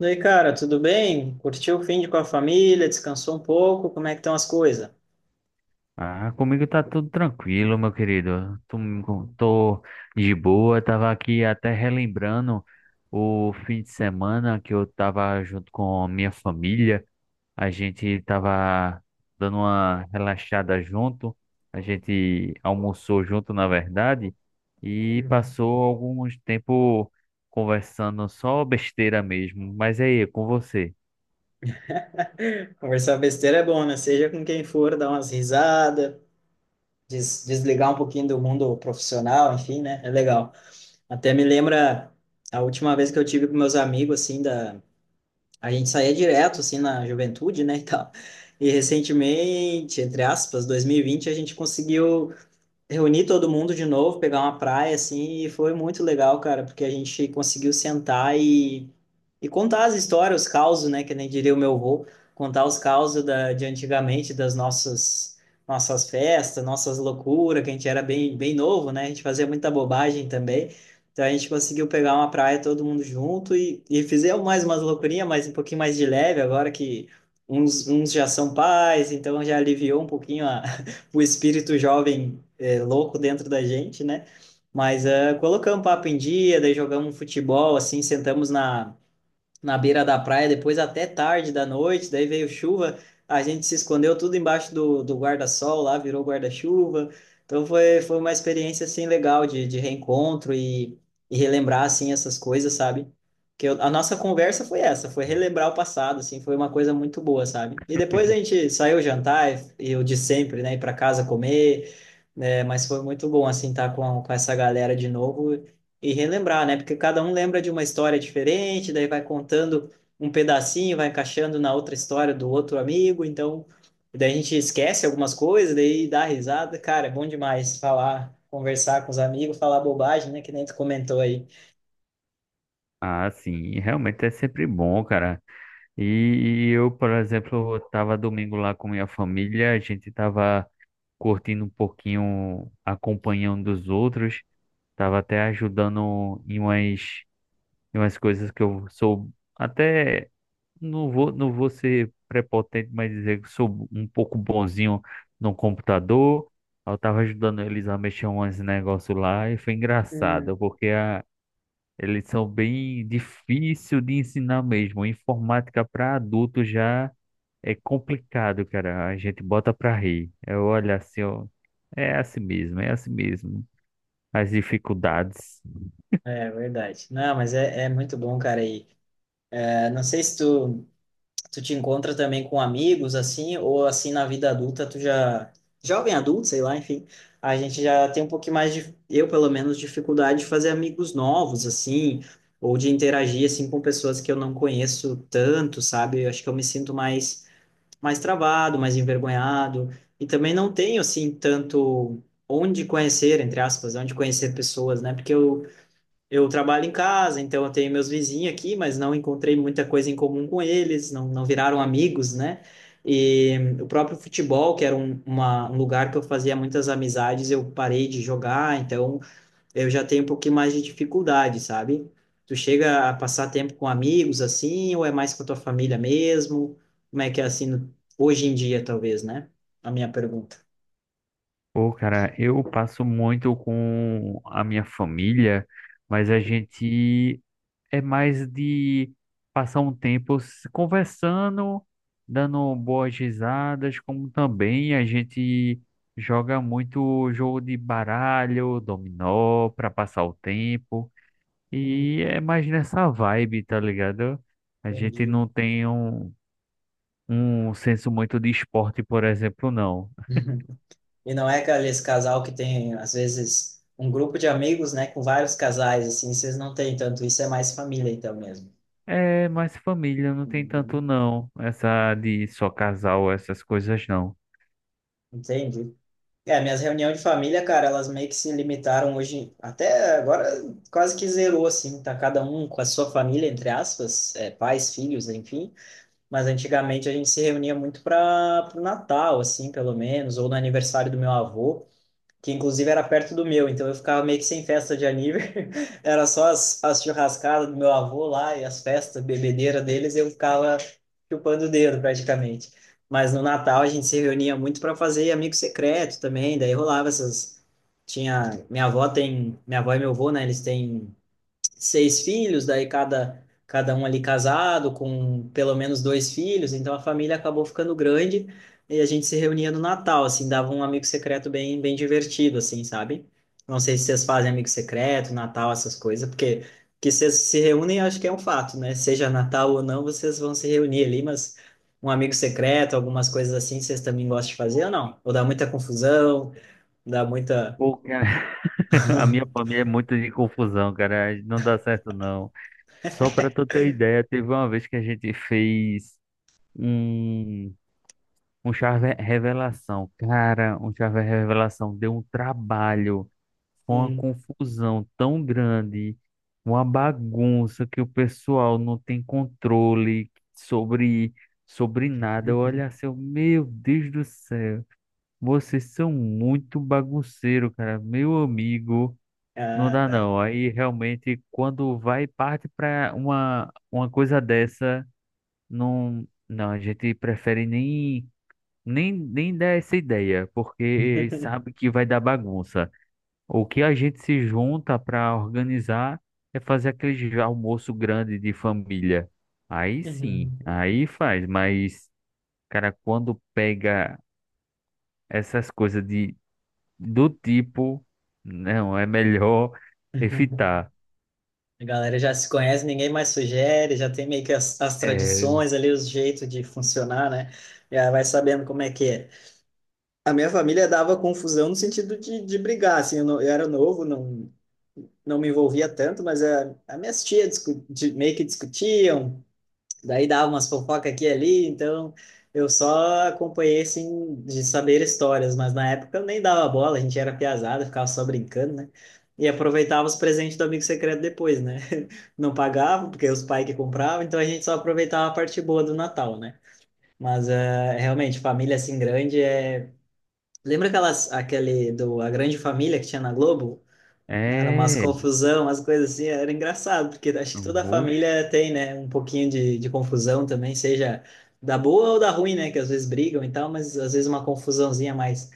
E aí, cara, tudo bem? Curtiu o fim com a família? Descansou um pouco? Como é que estão as coisas? Ah, comigo tá tudo tranquilo, meu querido. Tô de boa, tava aqui até relembrando o fim de semana que eu tava junto com a minha família. A gente tava dando uma relaxada junto, a gente almoçou junto, na verdade, e Uhum. passou alguns tempo conversando só besteira mesmo. Mas aí, com você? Conversar besteira é bom, né? Seja com quem for, dar umas risadas, desligar um pouquinho do mundo profissional, enfim, né? É legal. Até me lembra a última vez que eu tive com meus amigos, assim, a gente saía direto, assim, na juventude, né, e tal. E recentemente, entre aspas, 2020, a gente conseguiu reunir todo mundo de novo, pegar uma praia, assim, e foi muito legal, cara, porque a gente conseguiu sentar e contar as histórias, os causos, né, que nem diria o meu avô, contar os causos de antigamente, das nossas festas, nossas loucuras, que a gente era bem, bem novo, né, a gente fazia muita bobagem também, então a gente conseguiu pegar uma praia todo mundo junto e fizemos mais umas loucurinhas, mas um pouquinho mais de leve, agora que uns já são pais, então já aliviou um pouquinho o espírito jovem é, louco dentro da gente, né? Mas colocamos papo em dia, daí jogamos um futebol, assim, sentamos na beira da praia, depois até tarde da noite, daí veio chuva, a gente se escondeu tudo embaixo do guarda-sol lá, virou guarda-chuva. Então foi uma experiência assim legal de reencontro e relembrar assim essas coisas, sabe? A nossa conversa foi essa, foi relembrar o passado, assim, foi uma coisa muito boa, sabe? E depois a gente saiu jantar, e eu de sempre, né, ir para casa comer, né? Mas foi muito bom assim estar com essa galera de novo e relembrar, né? Porque cada um lembra de uma história diferente, daí vai contando um pedacinho, vai encaixando na outra história do outro amigo, então daí a gente esquece algumas coisas, daí dá risada. Cara, é bom demais falar, conversar com os amigos, falar bobagem, né? Que nem tu comentou aí. Ah, sim, realmente é sempre bom, cara. E, e eu, por exemplo, estava domingo lá com minha família, a gente estava curtindo um pouquinho, acompanhando os outros, estava até ajudando em umas coisas que eu sou até, não vou ser prepotente, mas dizer que sou um pouco bonzinho no computador. Eu estava ajudando eles a mexer uns negócios lá e foi Hum. engraçado, porque eles são bem difícil de ensinar mesmo. Informática para adulto já. É complicado, cara. A gente bota pra rir. Eu olho assim, ó. É assim mesmo, é assim mesmo. As dificuldades. É verdade. Não, mas é muito bom, cara. E, é, não sei se tu. Tu te encontra também com amigos, assim, ou assim na vida adulta, tu já. Jovem adulto, sei lá, enfim. A gente já tem um pouquinho mais de. Eu, pelo menos, dificuldade de fazer amigos novos, assim, ou de interagir, assim, com pessoas que eu não conheço tanto, sabe? Eu acho que eu me sinto mais travado, mais envergonhado. E também não tenho, assim, tanto onde conhecer, entre aspas, onde conhecer pessoas, né? Porque eu trabalho em casa, então eu tenho meus vizinhos aqui, mas não encontrei muita coisa em comum com eles, não, não viraram amigos, né? E o próprio futebol, que era um lugar que eu fazia muitas amizades, eu parei de jogar, então eu já tenho um pouquinho mais de dificuldade, sabe? Tu chega a passar tempo com amigos assim, ou é mais com a tua família mesmo? Como é que é assim hoje em dia, talvez, né? A minha pergunta. Pô, cara, eu passo muito com a minha família, mas a gente é mais de passar um tempo se conversando, dando boas risadas, como também a gente joga muito jogo de baralho, dominó, para passar o tempo. Hum, E é mais nessa vibe, tá ligado? A gente Entendi. não tem um, um senso muito de esporte, por exemplo, não. E não é aqueles casal que tem, às vezes, um grupo de amigos, né, com vários casais, assim, vocês não têm tanto, isso é mais família, então, mesmo. É mais família, não tem tanto Uhum. não. Essa de só casal, essas coisas não. Entendi. É, minhas reuniões de família, cara, elas meio que se limitaram hoje, até agora quase que zerou, assim, tá cada um com a sua família, entre aspas, é, pais, filhos, enfim, mas antigamente a gente se reunia muito para o Natal, assim, pelo menos, ou no aniversário do meu avô, que inclusive era perto do meu, então eu ficava meio que sem festa de aniversário. Era só as churrascadas do meu avô lá e as festas, bebedeira deles, eu ficava chupando o dedo praticamente. Mas no Natal a gente se reunia muito para fazer amigo secreto também, daí rolava essas. Tinha. Minha avó tem. Minha avó e meu avô, né? Eles têm seis filhos, daí cada um ali casado, com pelo menos dois filhos, então a família acabou ficando grande e a gente se reunia no Natal, assim, dava um amigo secreto bem, bem divertido, assim, sabe? Não sei se vocês fazem amigo secreto, Natal, essas coisas, porque que vocês se reúnem, acho que é um fato, né? Seja Natal ou não, vocês vão se reunir ali, mas um amigo secreto, algumas coisas assim, vocês também gostam de fazer ou não? Ou dá muita confusão, dá muita. Pô, cara, a minha família é muito de confusão, cara. Não dá certo não. Só pra tu ter ideia, teve uma vez que a gente fez um. Um Charver Revelação. Cara, um Charver Revelação deu um trabalho. Foi uma Hum. confusão tão grande, uma bagunça que o pessoal não tem controle sobre nada. Eu olho assim, eu, meu Deus do céu, vocês são muito bagunceiro, cara. Meu amigo, não Ah, dá tá. não. Aí realmente, quando vai parte para uma coisa dessa, não, não, a gente prefere nem. Nem dá essa ideia, porque sabe que vai dar bagunça. O que a gente se junta para organizar é fazer aquele almoço grande de família. Aí sim, Uhum. aí faz, mas, cara, quando pega essas coisas do tipo, não, é melhor evitar. A galera já se conhece, ninguém mais sugere, já tem meio que as É, tradições ali, os jeitos de funcionar, né? Já vai sabendo como é que é. A minha família dava confusão no sentido de brigar, assim, eu, eu era novo, não, não me envolvia tanto, mas a minhas tias meio que discutiam, daí dava umas fofocas aqui e ali, então eu só acompanhei, assim, de saber histórias, mas na época eu nem dava bola, a gente era piazada, ficava só brincando, né? E aproveitava os presentes do amigo secreto depois, né? Não pagava, porque os pais que compravam, então a gente só aproveitava a parte boa do Natal, né? Mas realmente, família assim grande é. Lembra aquelas, aquele do A Grande Família que tinha na Globo? Né, era umas é, confusão, umas coisas assim, era engraçado, porque acho que toda a família tem, né, um pouquinho de confusão também, seja da boa ou da ruim, né, que às vezes brigam e tal, mas às vezes uma confusãozinha mais,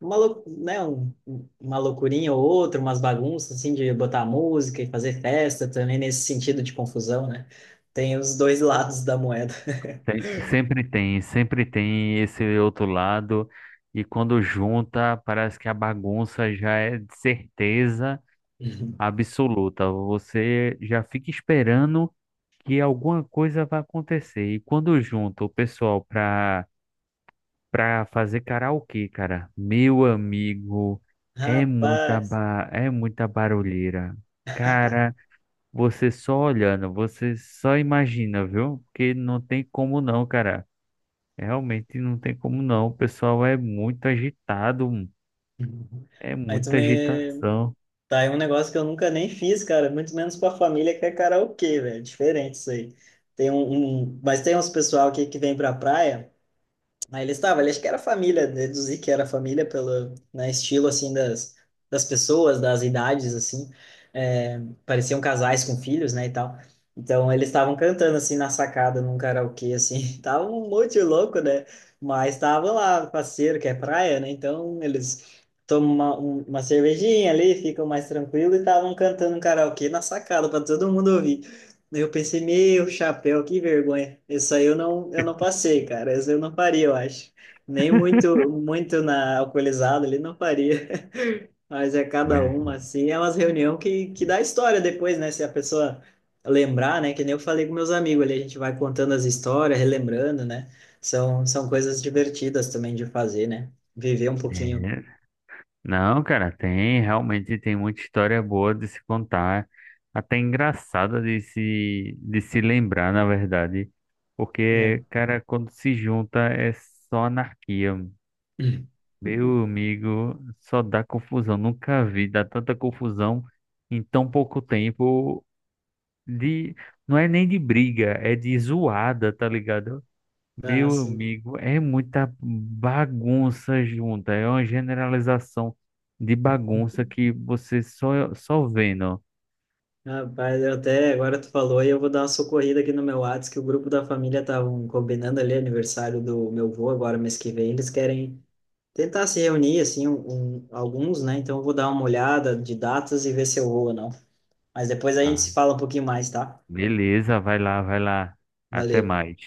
né, uma loucurinha ou outra, umas bagunças, assim, de botar música e fazer festa também, nesse sentido de confusão, né, tem os dois lados da moeda. Sempre tem esse outro lado, e quando junta, parece que a bagunça já é de certeza absoluta. Você já fica esperando que alguma coisa vai acontecer. E quando junta o pessoal para fazer karaokê, cara, meu amigo, é muita Rapaz, ba é muita barulheira. Cara, você só olhando, você só imagina, viu? Porque não tem como não, cara. Realmente não tem como não. O pessoal é muito agitado, é aí tu muita me, agitação. tá, é um negócio que eu nunca nem fiz, cara, muito menos com a família, que é karaokê, velho. Diferente isso aí. Mas tem uns pessoal aqui que vem pra praia. Aí ele estava, ele acho que era família, deduzi que era família pelo, né, estilo assim das, pessoas, das idades assim, é, pareciam casais com filhos, né, e tal. Então eles estavam cantando assim na sacada num karaokê assim, tava um monte de louco, né? Mas tava lá parceiro que é praia, né? Então eles tomam uma cervejinha ali, ficam mais tranquilo e estavam cantando um karaokê na sacada para todo mundo ouvir. Eu pensei, meu chapéu, que vergonha. Isso aí eu não passei, cara. Isso eu não faria, eu acho. Nem muito, muito na alcoolizado ali não faria. Mas é cada Mas uma, assim. É umas reunião que dá história depois, né? Se a pessoa lembrar, né? Que nem eu falei com meus amigos ali, a gente vai contando as histórias, relembrando, né? São coisas divertidas também de fazer, né? Viver um pouquinho, é. Não, cara, tem, realmente tem muita história boa de se contar, até engraçada de se lembrar, na verdade. né? Porque, cara, quando se junta é só anarquia. Meu amigo, só dá confusão. Nunca vi dar tanta confusão em tão pouco tempo de não é nem de briga, é de zoada, tá ligado? Ah, Meu sim. amigo, é muita bagunça junta, é uma generalização de bagunça que você só, só vendo. Rapaz, eu até agora tu falou e eu vou dar uma socorrida aqui no meu Whats, que o grupo da família estavam combinando ali aniversário do meu avô agora mês que vem. Eles querem tentar se reunir, assim, alguns, né? Então eu vou dar uma olhada de datas e ver se eu vou ou não. Mas depois a gente Ah, se fala um pouquinho mais, tá? Beleza, vai lá, vai lá. Até Valeu. mais.